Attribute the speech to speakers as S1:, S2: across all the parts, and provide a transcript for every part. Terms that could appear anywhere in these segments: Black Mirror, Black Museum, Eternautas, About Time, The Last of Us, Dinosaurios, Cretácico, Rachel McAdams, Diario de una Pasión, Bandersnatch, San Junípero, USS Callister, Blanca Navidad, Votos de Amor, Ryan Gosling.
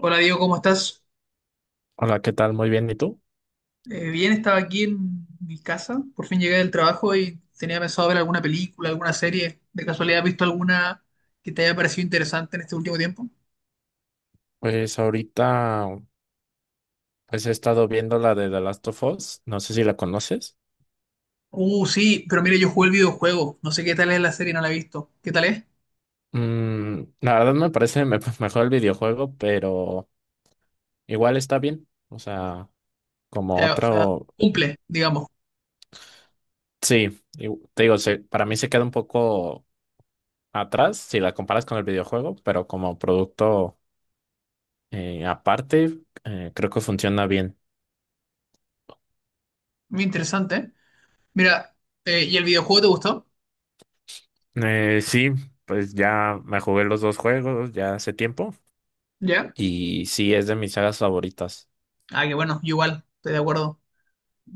S1: Hola Diego, ¿cómo estás?
S2: Hola, ¿qué tal? Muy bien, ¿y tú?
S1: Bien, estaba aquí en mi casa, por fin llegué del trabajo y tenía pensado ver alguna película, alguna serie. ¿De casualidad has visto alguna que te haya parecido interesante en este último tiempo?
S2: Pues ahorita pues he estado viendo la de The Last of Us, no sé si la conoces.
S1: Sí, pero mire, yo jugué el videojuego, no sé qué tal es la serie, no la he visto. ¿Qué tal es?
S2: La verdad mejor el videojuego, pero igual está bien. O sea, como
S1: O sea,
S2: otro...
S1: cumple, digamos.
S2: Sí, y- te digo, para mí se queda un poco atrás si la comparas con el videojuego, pero como producto aparte, creo que funciona bien.
S1: Muy interesante, ¿eh? Mira, ¿y el videojuego te gustó?
S2: Sí, pues ya me jugué los dos juegos ya hace tiempo
S1: ¿Ya?
S2: y sí es de mis sagas favoritas.
S1: Ah, que bueno, yo igual, estoy de acuerdo.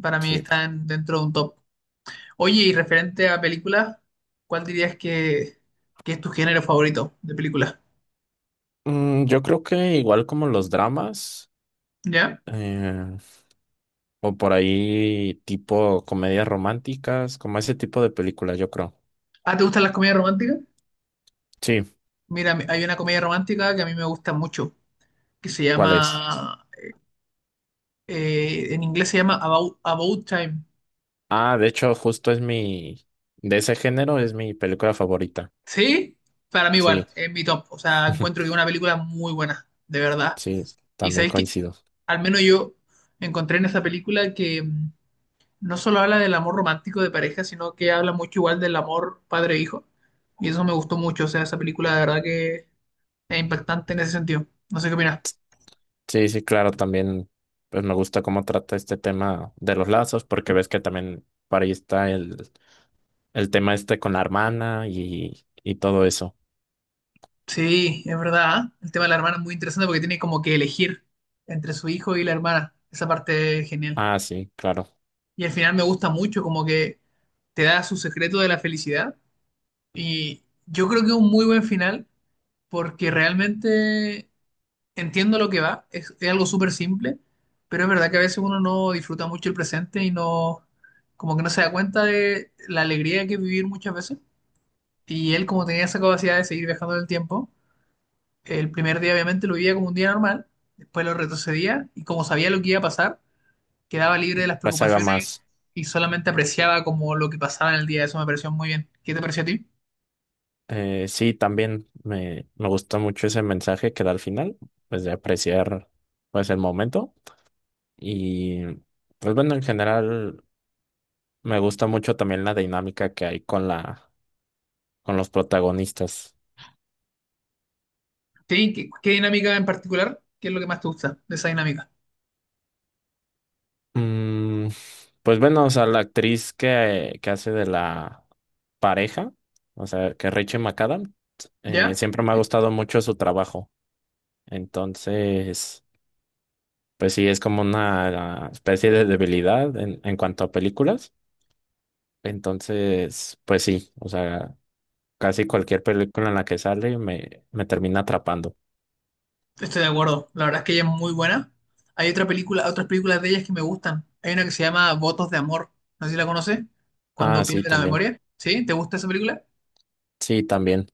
S1: Para mí
S2: Sí.
S1: están dentro de un top. Oye, y referente a películas, ¿cuál dirías que es tu género favorito de películas?
S2: Yo creo que igual como los dramas,
S1: ¿Ya?
S2: eh, o por ahí tipo comedias románticas, como ese tipo de películas, yo creo.
S1: ¿Ah, te gustan las comedias románticas?
S2: Sí,
S1: Mira, hay una comedia romántica que a mí me gusta mucho, que se
S2: ¿cuál es?
S1: llama, en inglés se llama About Time.
S2: Ah, de hecho, de ese género es mi película favorita.
S1: ¿Sí? Para mí igual,
S2: Sí,
S1: es mi top. O sea, encuentro que es una película muy buena, de verdad.
S2: sí,
S1: Y
S2: también
S1: sabéis que,
S2: coincido.
S1: al menos yo encontré en esa película que no solo habla del amor romántico de pareja, sino que habla mucho igual del amor padre-hijo. Y eso me gustó mucho. O sea, esa película de verdad que es impactante en ese sentido. No sé qué opinas.
S2: Sí, sí, claro, también, pues me gusta cómo trata este tema de los lazos, porque ves que también por ahí está el tema este con la hermana y todo eso.
S1: Sí, es verdad, ¿eh? El tema de la hermana es muy interesante porque tiene como que elegir entre su hijo y la hermana. Esa parte es genial.
S2: Ah, sí, claro.
S1: Y al final me gusta mucho, como que te da su secreto de la felicidad. Y yo creo que es un muy buen final porque realmente entiendo lo que es algo súper simple, pero es verdad que a veces uno no disfruta mucho el presente y no, como que no se da cuenta de la alegría que es vivir muchas veces. Y él, como tenía esa capacidad de seguir viajando en el tiempo, el primer día obviamente lo vivía como un día normal, después lo retrocedía y como sabía lo que iba a pasar, quedaba libre de las
S2: La saga
S1: preocupaciones
S2: más.
S1: y solamente apreciaba como lo que pasaba en el día. Eso me pareció muy bien. ¿Qué te pareció a ti?
S2: Sí, también me gustó mucho ese mensaje que da al final, pues de apreciar pues el momento y pues bueno, en general me gusta mucho también la dinámica que hay con la con los protagonistas.
S1: Sí, qué dinámica en particular? ¿Qué es lo que más te gusta de esa dinámica?
S2: Mm, pues bueno, o sea, la actriz que hace de la pareja, o sea, que Rachel McAdams,
S1: ¿Ya?
S2: siempre me ha
S1: ¿Sí?
S2: gustado mucho su trabajo. Entonces, pues sí, es como una especie de debilidad en cuanto a películas. Entonces, pues sí, o sea, casi cualquier película en la que sale me termina atrapando.
S1: Estoy de acuerdo, la verdad es que ella es muy buena. Hay otra película, otras películas de ellas que me gustan. Hay una que se llama Votos de Amor, no sé si la conoces, cuando
S2: Ah, sí,
S1: pierde la
S2: también.
S1: memoria. ¿Sí? ¿Te gusta esa película?
S2: Sí, también.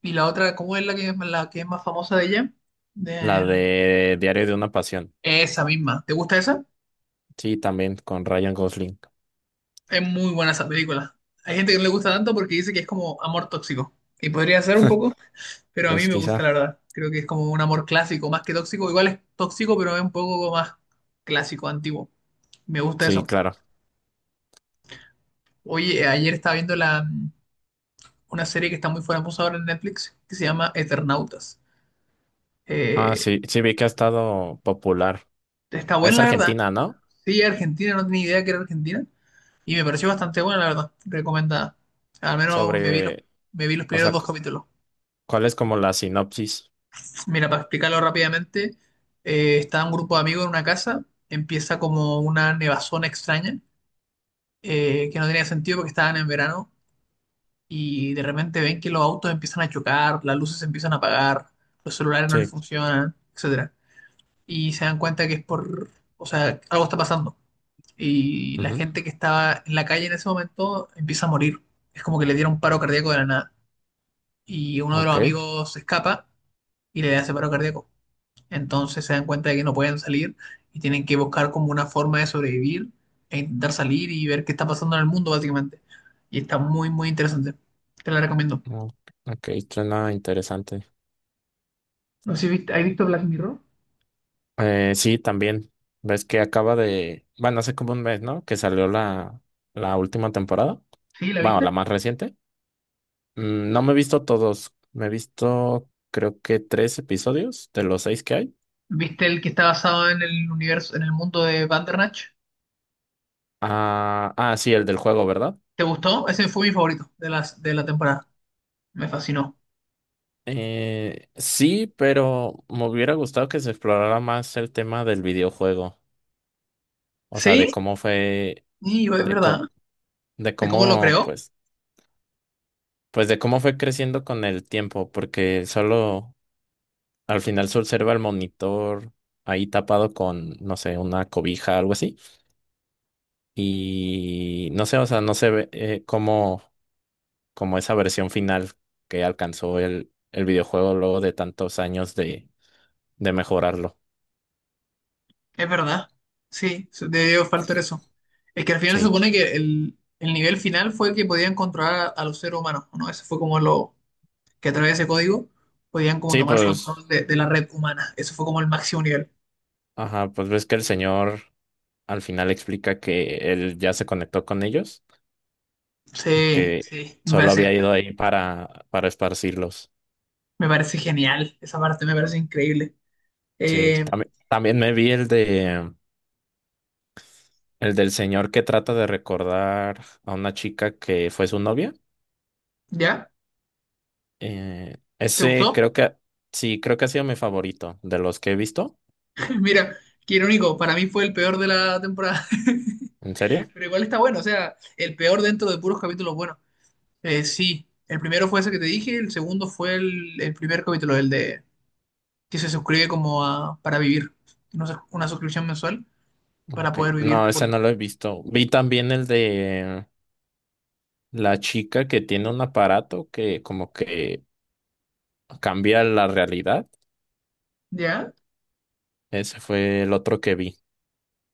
S1: Y la otra, ¿cómo es la que es más famosa de ella?
S2: La
S1: Del-
S2: de Diario de una Pasión.
S1: Esa misma. ¿Te gusta esa?
S2: Sí, también con Ryan Gosling.
S1: Es muy buena esa película. Hay gente que no le gusta tanto porque dice que es como amor tóxico. Y podría ser un poco, pero a mí
S2: Pues
S1: me gusta
S2: quizá.
S1: la verdad. Creo que es como un amor clásico, más que tóxico. Igual es tóxico, pero es un poco más clásico, antiguo. Me gusta
S2: Sí,
S1: eso.
S2: claro.
S1: Oye, ayer estaba viendo una serie que está muy famosa ahora en Netflix, que se llama Eternautas.
S2: Ah,
S1: Eh,
S2: sí, sí vi que ha estado popular.
S1: Está buena,
S2: Es
S1: la verdad.
S2: Argentina, ¿no?
S1: Sí, Argentina, no tenía idea que era Argentina. Y me pareció bastante buena, la verdad. Recomendada. Al menos me
S2: Sobre,
S1: me vi los
S2: o
S1: primeros
S2: sea,
S1: dos
S2: cu-
S1: capítulos.
S2: ¿Cuál es como la sinopsis?
S1: Mira, para explicarlo rápidamente, está un grupo de amigos en una casa. Empieza como una nevazón extraña, que no tenía sentido porque estaban en verano y de repente ven que los autos empiezan a chocar, las luces se empiezan a apagar, los celulares no les
S2: Sí.
S1: funcionan, etcétera. Y se dan cuenta que es o sea, algo está pasando. Y la
S2: Ujú.
S1: gente que estaba en la calle en ese momento empieza a morir. Es como que le dieron paro cardíaco de la nada. Y uno de los
S2: Ok.
S1: amigos se escapa y le hace paro cardíaco. Entonces se dan cuenta de que no pueden salir y tienen que buscar como una forma de sobrevivir e intentar salir y ver qué está pasando en el mundo, básicamente. Y está muy, muy interesante. Te la recomiendo.
S2: Ok, ok, suena interesante.
S1: No sé si viste, ¿has visto Black Mirror?
S2: Sí, también. Ves que acaba de, bueno, hace como un mes, ¿no? Que salió la última temporada.
S1: Sí, ¿la
S2: Bueno, la
S1: viste?
S2: más reciente. No me he visto todos. Me he visto, creo que tres episodios de los seis que hay.
S1: ¿Viste el que está basado en el universo, en el mundo de Bandersnatch?
S2: Ah, ah, sí, el del juego, ¿verdad?
S1: ¿Te gustó? Ese fue mi favorito de las de la temporada. Me fascinó.
S2: Sí, pero me hubiera gustado que se explorara más el tema del videojuego. O sea,
S1: ¿Sí? Sí, es
S2: de
S1: verdad.
S2: co- de
S1: ¿De cómo lo
S2: cómo,
S1: creó?
S2: pues, pues de cómo fue creciendo con el tiempo, porque solo al final se observa el monitor ahí tapado con, no sé, una cobija, algo así. Y no sé, o sea, no se ve como esa versión final que alcanzó el videojuego luego de tantos años de mejorarlo.
S1: Es verdad. Sí, debió faltar eso. Es que al final se
S2: Sí,
S1: supone que el nivel final fue que podían controlar a los seres humanos, ¿no? Eso fue como lo que a través de ese código podían como
S2: sí,
S1: tomar
S2: pues,
S1: control de la red humana. Eso fue como el máximo nivel.
S2: ajá, pues ves que el señor al final explica que él ya se conectó con ellos y
S1: Sí,
S2: que
S1: sí, me
S2: solo
S1: parece.
S2: había ido ahí para esparcirlos.
S1: Me parece genial, esa parte me parece increíble.
S2: Sí,
S1: Eh,
S2: también, también me vi el de... El del señor que trata de recordar a una chica que fue su novia.
S1: ¿Ya?
S2: Eh,
S1: ¿Te
S2: ese
S1: gustó?
S2: creo que, sí, creo que ha sido mi favorito de los que he visto.
S1: Mira, qué irónico, para mí fue el peor de la temporada,
S2: ¿En serio?
S1: pero igual está bueno, o sea, el peor dentro de puros capítulos buenos. Sí, el primero fue ese que te dije, el segundo fue el primer capítulo, el de que se suscribe como para vivir, no sé, una suscripción mensual para
S2: Ok.
S1: poder vivir
S2: No, ese
S1: por...
S2: no lo he visto. Vi también el de la chica que tiene un aparato que como que cambia la realidad.
S1: ¿Ya?
S2: Ese fue el otro que vi.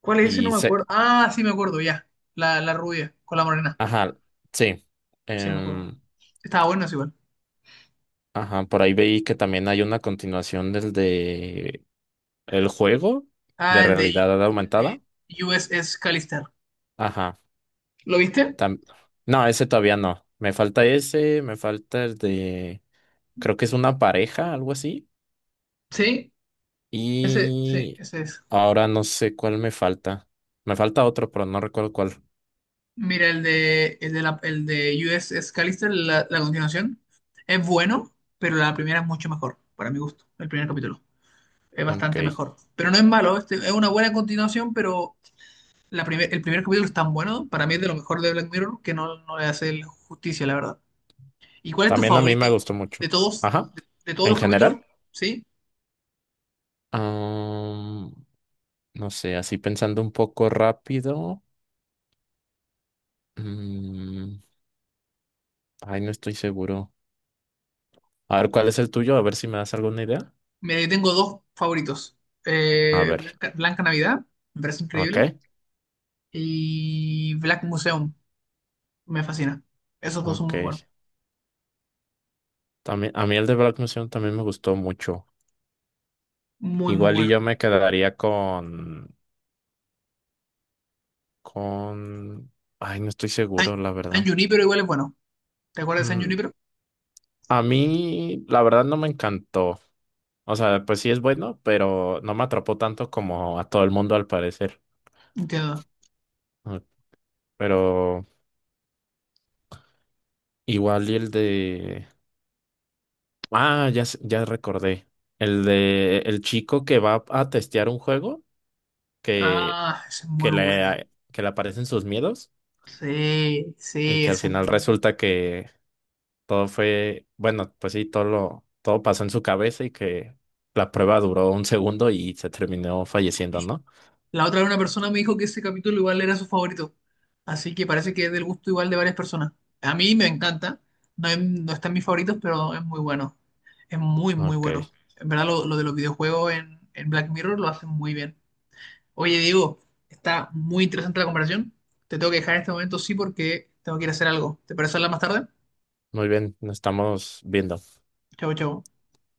S1: ¿Cuál es ese? No
S2: Y
S1: me
S2: se,
S1: acuerdo. Ah, sí me acuerdo, ya. La rubia con la morena,
S2: ajá, sí.
S1: sí me acuerdo.
S2: Em,
S1: Estaba bueno, es igual.
S2: ajá, por ahí veí que también hay una continuación del de el juego de
S1: Ah, el
S2: realidad
S1: el
S2: aumentada.
S1: de USS Callister.
S2: Ajá.
S1: ¿Lo viste?
S2: tam- No, ese todavía no. Me falta ese, me falta el de... Creo que es una pareja, algo así.
S1: Sí, sí,
S2: Y
S1: ese es.
S2: ahora no sé cuál me falta. Me falta otro, pero no recuerdo cuál.
S1: Mira, el el de USS Callister, la continuación, es bueno, pero la primera es mucho mejor, para mi gusto, el primer capítulo. Es
S2: Ok.
S1: bastante mejor. Pero no es malo, este, es una buena continuación, pero el primer capítulo es tan bueno, para mí es de lo mejor de Black Mirror, que no le hace justicia, la verdad. ¿Y cuál es tu
S2: También a mí me
S1: favorito
S2: gustó
S1: de
S2: mucho.
S1: todos,
S2: Ajá.
S1: de todos
S2: En
S1: los capítulos?
S2: general.
S1: ¿Sí?
S2: am, no sé, así pensando un poco rápido. mm, ay, no estoy seguro. A ver, ¿cuál es el tuyo? A ver si me das alguna idea.
S1: Me tengo dos favoritos.
S2: A ver.
S1: Blanca Navidad, me parece increíble.
S2: Ok.
S1: Y Black Museum, me fascina. Esos dos son muy buenos.
S2: Ok. También, a mí el de Black Museum también me gustó mucho.
S1: Muy, muy
S2: Igual y
S1: buenos.
S2: yo me quedaría con, ay, no estoy
S1: San,
S2: seguro, la
S1: San
S2: verdad.
S1: Junípero igual es bueno. ¿Te acuerdas de San
S2: Mm,
S1: Junípero?
S2: a mí, la verdad, no me encantó. O sea, pues sí es bueno, pero no me atrapó tanto como a todo el mundo al parecer.
S1: Entiendo.
S2: Mm. Pero igual y el de, ah, ya, ya recordé. El de el chico que va a testear un juego que,
S1: Ah, ese es muy bueno.
S2: que le aparecen sus miedos.
S1: Sí,
S2: Y
S1: sí,
S2: que al
S1: ese es
S2: final
S1: muy bueno.
S2: resulta que todo fue, bueno, pues sí, todo pasó en su cabeza y que la prueba duró un segundo y se terminó falleciendo, ¿no?
S1: La otra vez una persona me dijo que ese capítulo igual era su favorito. Así que parece que es del gusto igual de varias personas. A mí me encanta. No, no está en mis favoritos, pero es muy bueno. Es muy, muy
S2: Ok,
S1: bueno. En verdad, lo de los videojuegos en Black Mirror lo hacen muy bien. Oye, Diego, está muy interesante la comparación. Te tengo que dejar en este momento, sí, porque tengo que ir a hacer algo. ¿Te parece hablar más tarde?
S2: muy bien, nos estamos viendo.
S1: Chau, chau.